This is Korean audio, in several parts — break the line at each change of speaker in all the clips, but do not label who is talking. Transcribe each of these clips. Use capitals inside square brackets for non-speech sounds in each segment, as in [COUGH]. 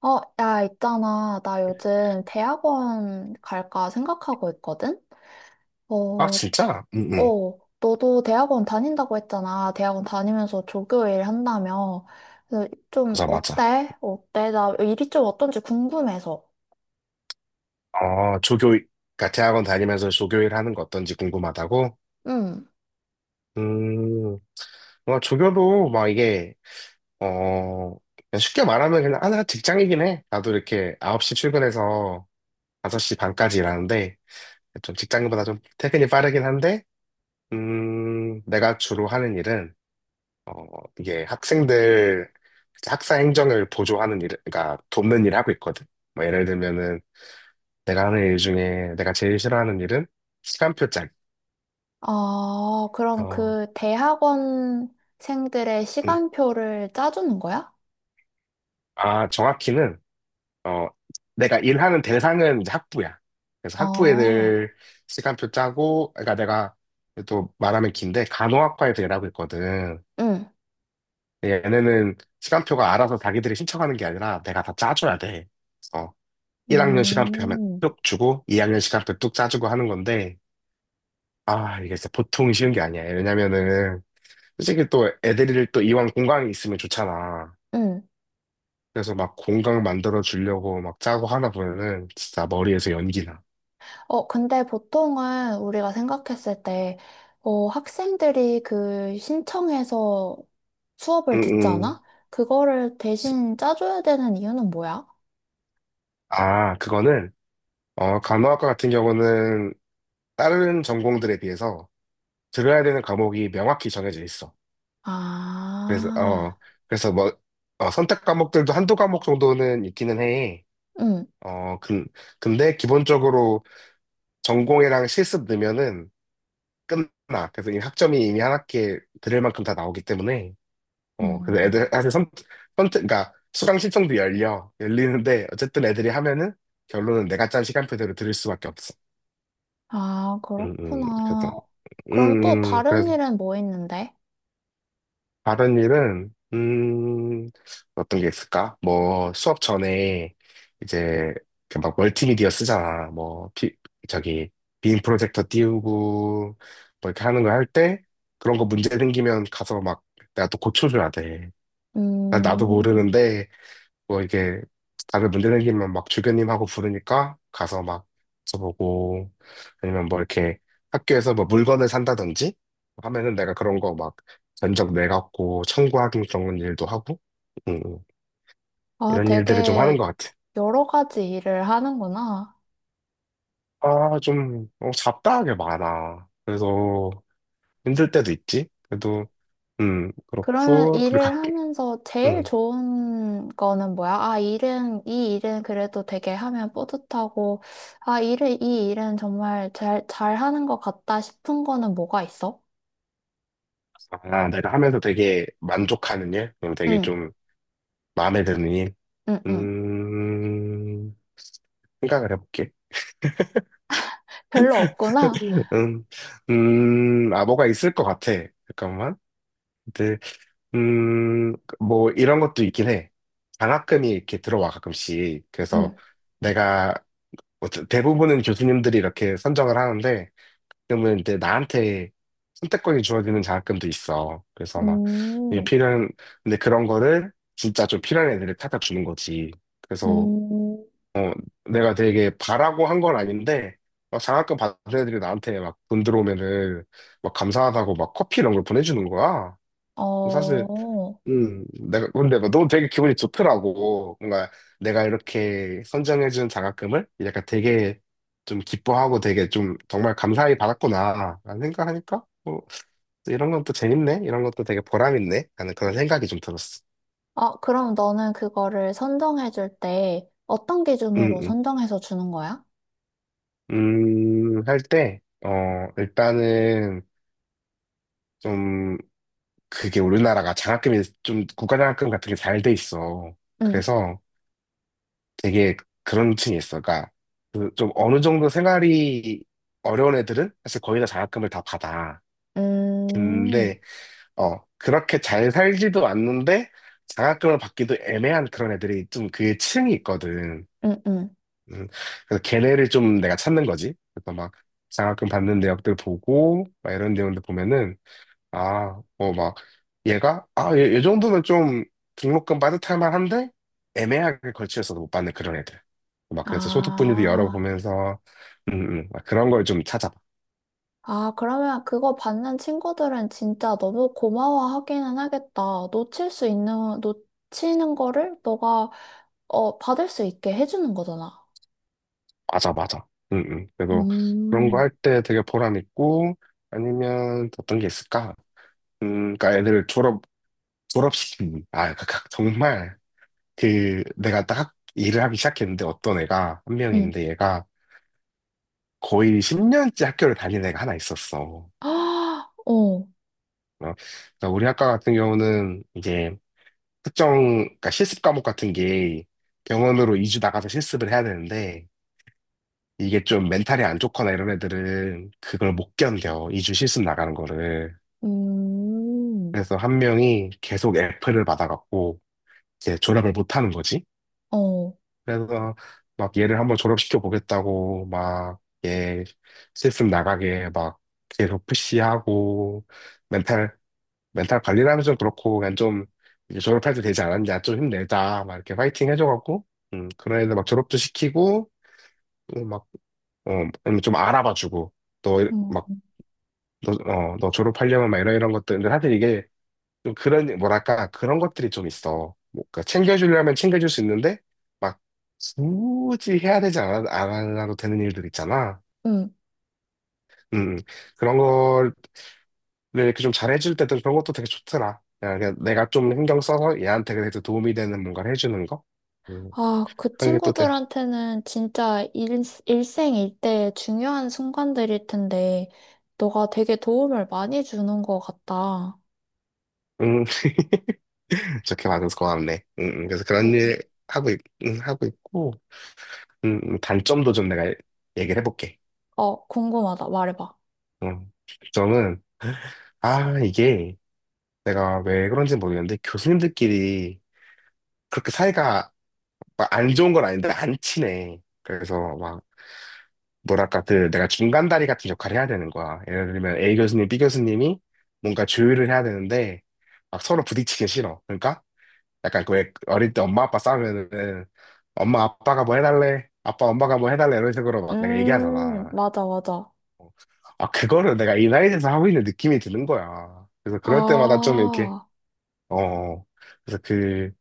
야, 있잖아. 나 요즘 대학원 갈까 생각하고 있거든?
아,
어,
진짜? 응, 응.
너도 대학원 다닌다고 했잖아. 대학원 다니면서 조교일 한다며. 그래서 좀
맞아, 맞아.
어때? 어때? 나 일이 좀 어떤지 궁금해서.
어, 조교, 그러니까 대학원 다니면서 조교 일 하는 거 어떤지 궁금하다고?
응.
음, 뭐, 조교도 막 이게, 그냥 쉽게 말하면 그냥 하나 직장이긴 해. 나도 이렇게 9시 출근해서 5시 반까지 일하는데, 좀 직장인보다 좀 퇴근이 빠르긴 한데, 내가 주로 하는 일은, 어, 이게 학생들, 학사 행정을 보조하는 일, 그러니까 돕는 일 하고 있거든. 뭐 예를 들면은, 내가 하는 일 중에 내가 제일 싫어하는 일은 시간표 짤.
아, 그럼
어,
그 대학원생들의
음.
시간표를 짜주는 거야?
아, 정확히는, 어, 내가 일하는 대상은 이제 학부야. 그래서 학부
아,
애들 시간표 짜고, 그러니까 내가 또 말하면 긴데, 간호학과 에서 일하고 있거든.
응.
근데 얘네는 시간표가 알아서 자기들이 신청하는 게 아니라 내가 다 짜줘야 돼. 어, 1학년 시간표 하면
음,
뚝 주고, 2학년 시간표 뚝 짜주고 하는 건데, 아, 이게 진짜 보통 쉬운 게 아니야. 왜냐면은, 솔직히 또 애들이 또 이왕 공강이 있으면 좋잖아.
응.
그래서 막 공강 만들어 주려고 막 짜고 하나 보면은 진짜 머리에서 연기 나.
근데 보통은 우리가 생각했을 때, 학생들이 그 신청해서 수업을
응응.
듣잖아? 그거를 대신 짜줘야 되는 이유는 뭐야?
아, 그거는 간호학과 같은 경우는 다른 전공들에 비해서 들어야 되는 과목이 명확히 정해져 있어. 그래서 어,
아,
그래서 뭐 선택 과목들도 한두 과목 정도는 있기는 해.
응.
어, 근데 기본적으로 전공이랑 실습 넣으면은 끝나. 그래서 이 학점이 이미 한 학기에 들을 만큼 다 나오기 때문에 그래서
음.
애들 사실 선택, 그러니까 수강 신청도 열려 열리는데 어쨌든 애들이 하면은 결론은 내가 짠 시간표대로 들을 수밖에 없어.
아,
그래서
그렇구나. 그럼 또 다른
그래서
일은 뭐 있는데?
다른 일은 어떤 게 있을까? 뭐 수업 전에 이제 그막 멀티미디어 쓰잖아. 뭐 피, 저기 빔 프로젝터 띄우고 뭐 이렇게 하는 거 할 때 그런 거 문제 생기면 가서 막 내가 또 고쳐줘야 돼. 난 나도
음,
모르는데 뭐 이게 다들 문제생기면 막 주교님하고 부르니까 가서 막 써보고 아니면 뭐 이렇게 학교에서 뭐 물건을 산다든지 하면은 내가 그런 거 막 견적 내갖고 청구하는 그런 일도 하고 음,
아,
이런 일들을 좀 하는
되게
것 같아.
여러 가지 일을 하는구나.
아, 좀 어, 잡다하게 많아. 그래서 힘들 때도 있지. 그래도
그러면
그렇고 그리고
일을
각,
하면서 제일
음,
좋은 거는 뭐야? 아, 이 일은 그래도 되게 하면 뿌듯하고, 아, 이 일은 정말 잘 하는 것 같다 싶은 거는 뭐가 있어?
아, 내가 하면서 되게 만족하는 일, 그리고 되게
응,
좀 마음에 드는 일.
응, 응.
음, 생각을 해볼게.
별로 없구나?
음, 아, 뭐가 있을 것 같아. 잠깐만. 근데, 음, 뭐, 이런 것도 있긴 해. 장학금이 이렇게 들어와, 가끔씩. 그래서
응,
내가, 뭐 대부분은 교수님들이 이렇게 선정을 하는데, 그러면 이제 나한테 선택권이 주어지는 장학금도 있어. 그래서 막, 이게
음,
필요한, 근데 그런 거를 진짜 좀 필요한 애들을 찾아 주는 거지. 그래서
음,
내가 되게 바라고 한 건 아닌데 막 장학금 받은 애들이 나한테 막 돈 들어오면은 막 감사하다고 막 커피 이런 걸 보내주는 거야. 사실
어.
내가 근데 막 너무 되게 기분이 좋더라고. 뭔가 내가 이렇게 선정해준 장학금을 약간 되게 좀 기뻐하고 되게 좀 정말 감사히 받았구나 라는 생각하니까 뭐 또 이런 건 또 재밌네 이런 것도 되게 보람 있네 하는 그런 생각이 좀 들었어.
아, 그럼 너는 그거를 선정해 줄 때 어떤
음,
기준으로
음.
선정해서 주는 거야?
할 때, 일단은 좀 그게 우리나라가 장학금이 좀 국가장학금 같은 게 잘 돼 있어.
응,
그래서 되게 그런 층이 있어. 그러니까 그좀 어느 정도 생활이 어려운 애들은 사실 거의 다 장학금을 다 받아.
음,
근데 어 그렇게 잘 살지도 않는데 장학금을 받기도 애매한 그런 애들이 좀 그 층이 있거든.
응, 응.
음, 그래서 걔네를 좀 내가 찾는 거지. 그래서 막 장학금 받는 대학들 보고 막 이런 내용들 보면은 아, 어, 막, 얘가, 아, 얘 정도는 좀 등록금 빠듯할 만한데, 애매하게 걸치여서 못 받는 그런 애들. 막, 그래서 소득 분위기
아.
열어보면서, 막 그런 걸 좀 찾아봐.
아, 그러면 그거 받는 친구들은 진짜 너무 고마워하기는 하겠다. 놓치는 거를 너가, 어, 받을 수 있게 해주는 거잖아.
맞아, 맞아. 그래도 그런 거
음,
할 때 되게 보람 있고, 아니면 어떤 게 있을까? 그러니까 애들 졸업, 졸업시키기. 아, 정말, 그, 내가 딱 일을 하기 시작했는데, 어떤 애가, 한
응.
명인데, 얘가 거의 10년째 학교를 다니는 애가 하나 있었어.
아, 어,
어, 그러니까 우리 학과 같은 경우는 이제 특정, 그러니까 실습 과목 같은 게 병원으로 2주 나가서 실습을 해야 되는데 이게 좀 멘탈이 안 좋거나 이런 애들은 그걸 못 견뎌. 2주 실습 나가는 거를.
음,
그래서 한 명이 계속 F를 받아갖고 이제 졸업을 못 하는 거지.
어,
그래서 막 얘를 한번 졸업시켜 보겠다고 막 얘 실습 나가게 막 계속 푸시하고 멘탈 관리를 하면서 그렇고 그냥 좀 이제 졸업할 때 되지 않았냐 좀 힘내자 막 이렇게 파이팅 해줘갖고 그런 애들 막 졸업도 시키고 막어좀 알아봐주고
응,
너막너어너 졸업하려면 막 이런 이런 것들 근데 사실 이게 좀 그런 뭐랄까 그런 것들이 좀 있어 뭐, 그러니까 챙겨주려면 챙겨줄 수 있는데 막 굳이 해야 되지 않아 안 하도 되는 일들 있잖아
응.
음 음. 그런 걸 근데 이렇게 좀 잘해줄 때도 그런 것도 되게 좋더라. 야, 그냥 내가 좀 신경 써서 얘한테 그래도 도움이 되는 뭔가를 해주는 거? 음,
아, 그
그런 게 또 돼.
친구들한테는 진짜 일생일대의 중요한 순간들일 텐데, 너가 되게 도움을 많이 주는 것 같다.
음, [LAUGHS] 좋게 봐줘서 고맙네. 그래서 그런
어,
일 하고, 있, 하고 있고, 단점도 좀 내가 얘기를 해볼게.
어, 궁금하다. 말해봐.
음, 점은, 아, 이게 내가 왜 그런지 모르겠는데 교수님들끼리 그렇게 사이가 막 안 좋은 건 아닌데 안 친해. 그래서 뭐랄까, 그 내가 중간다리 같은 역할을 해야 되는 거야. 예를 들면 A 교수님, B 교수님이 뭔가 조율을 해야 되는데 막 서로 부딪히기 싫어. 그러니까 약간 그왜 어릴 때 엄마 아빠 싸우면은 엄마 아빠가 뭐 해달래? 아빠 엄마가 뭐 해달래? 이런 식으로 막 내가 얘기하잖아.
맞아, 맞아.
어. 아, 그거를 내가 이 나이에서 하고 있는 느낌이 드는 거야. 그래서 그럴 때마다 좀 이렇게,
아,
어, 어. 그래서 그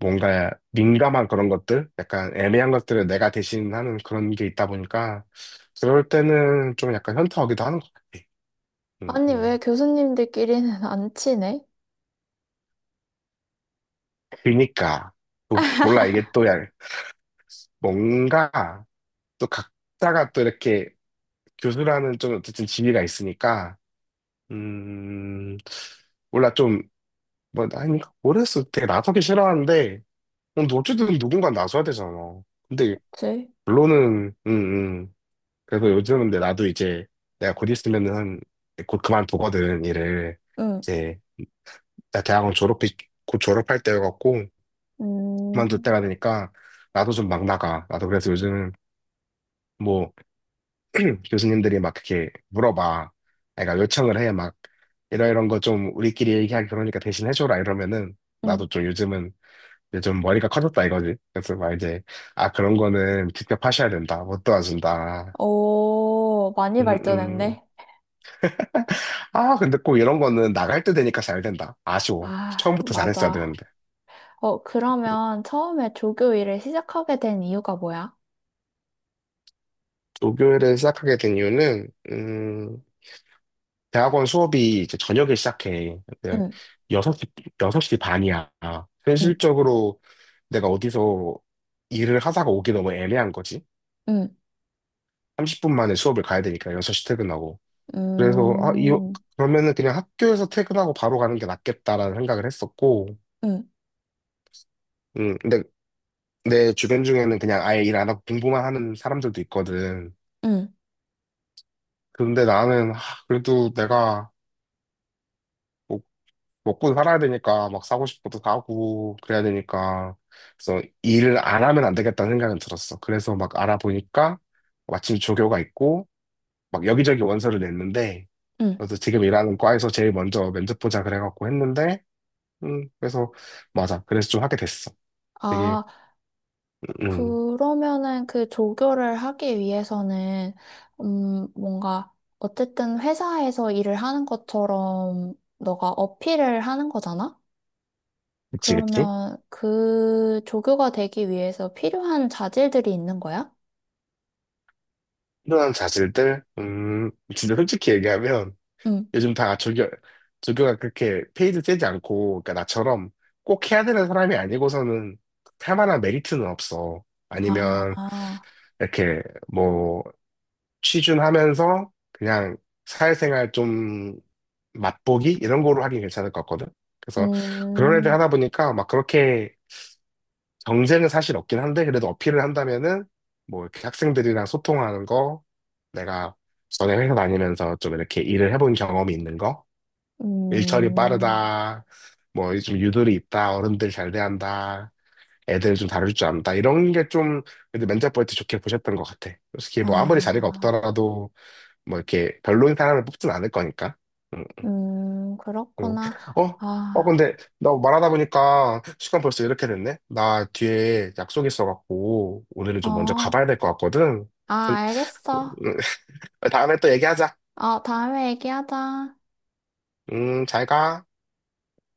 뭔가 민감한 그런 것들, 약간 애매한 것들을 내가 대신하는 그런 게 있다 보니까 그럴 때는 좀 약간 현타오기도 하는 것 같아. 음,
아니, 왜
음.
교수님들끼리는 [LAUGHS] 안 친해?
그니까 또 몰라 이게 또 뭔가 또 각자가 또 이렇게 교수라는 좀 어쨌든 지위가 있으니까 음 몰라 좀뭐 아니 모르겠어 되게 나서기 싫어하는데 어, 근데 어쨌든 누군가 나서야 되잖아. 근데
그치?
결론은 음. 그래서 요즘 근데 나도 이제 내가 곧 있으면은 곧 그만두거든 일을
응,
이제 나 대학원 졸업이 곧 졸업할 때여갖고 그만둘
음,
때가 되니까 나도 좀 막 나가 나도 그래서 요즘 뭐 [CLEARS THROAT] 교수님들이 막 이렇게 물어봐 그러니까 요청을 해 막 이러이런 거 좀 우리끼리 얘기하기 그러니까 대신 해줘라 이러면은
응.
나도 좀 요즘은 이제 좀 머리가 커졌다 이거지 그래서 막 이제 아 그런 거는 직접 하셔야 된다 못 도와준다
오, 많이
음, 음.
발전했네.
아, 근데 꼭 이런 거는 나갈 때 되니까 잘 된다. 아쉬워.
아,
처음부터 잘했어야
맞아.
되는데.
어, 그러면 처음에 조교 일을 시작하게 된 이유가 뭐야?
조교를 시작하게 된 이유는, 대학원 수업이 이제 저녁에 시작해. 근데
응,
6시, 여섯 시 반이야.
응,
현실적으로 내가 어디서 일을 하다가 오기 너무 애매한 거지.
응,
30분 만에 수업을 가야 되니까 6시 퇴근하고. 그래서, 아, 이,
음,
그러면은 그냥 학교에서 퇴근하고 바로 가는 게 낫겠다라는 생각을 했었고,
응,
근데 내 주변 중에는 그냥 아예 일 안 하고 공부만 하는 사람들도 있거든.
응,
근데 나는, 하, 그래도 내가 뭐 먹고 살아야 되니까 막 사고 싶은 것도 사고 그래야 되니까. 그래서 일을 안 하면 안 되겠다는 생각은 들었어. 그래서 막 알아보니까 마침 조교가 있고 막 여기저기 원서를 냈는데
응.
그래서 지금 일하는 과에서 제일 먼저 면접 보자 그래갖고 했는데 그래서 맞아. 그래서 좀 하게 됐어. 되게,
아,
음, 음.
그러면은 그 조교를 하기 위해서는, 뭔가, 어쨌든 회사에서 일을 하는 것처럼 너가 어필을 하는 거잖아?
그치, 그치?
그러면 그 조교가 되기 위해서 필요한 자질들이 있는 거야?
필요한 자질들, 진짜 솔직히 얘기하면
응.
요즘 다 조교, 조교가 그렇게 페이드 세지 않고, 그러니까 나처럼 꼭 해야 되는 사람이 아니고서는 할 만한 메리트는 없어. 아니면
아,
이렇게 뭐 취준하면서 그냥 사회생활 좀 맛보기 이런 거로 하긴 괜찮을 것 같거든. 그래서 그런 애들
음,
하다 보니까 막 그렇게 경쟁은 사실 없긴 한데 그래도 어필을 한다면은 뭐 이렇게 학생들이랑 소통하는 거, 내가 전에 회사 다니면서 좀 이렇게 일을 해본 경험이 있는 거. 일처리
음,
빠르다. 뭐, 좀 유도리 있다. 어른들 잘 대한다. 애들 좀 다룰 줄 안다. 이런 게 좀, 그래도 면접 볼 때 좋게 보셨던 것 같아. 솔직히 뭐, 아무리 자리가
아,
없더라도, 뭐, 이렇게 별로인 사람을 뽑진 않을 거니까. 응, 응.
그렇구나.
어? 어,
아,
근데, 나 말하다 보니까 시간 벌써 이렇게 됐네? 나 뒤에 약속 있어갖고, 오늘은 좀 먼저
어,
가봐야 될 것 같거든.
아, 알겠어.
[LAUGHS] 다음에 또 얘기하자.
어, 다음에 얘기하자.
잘 가.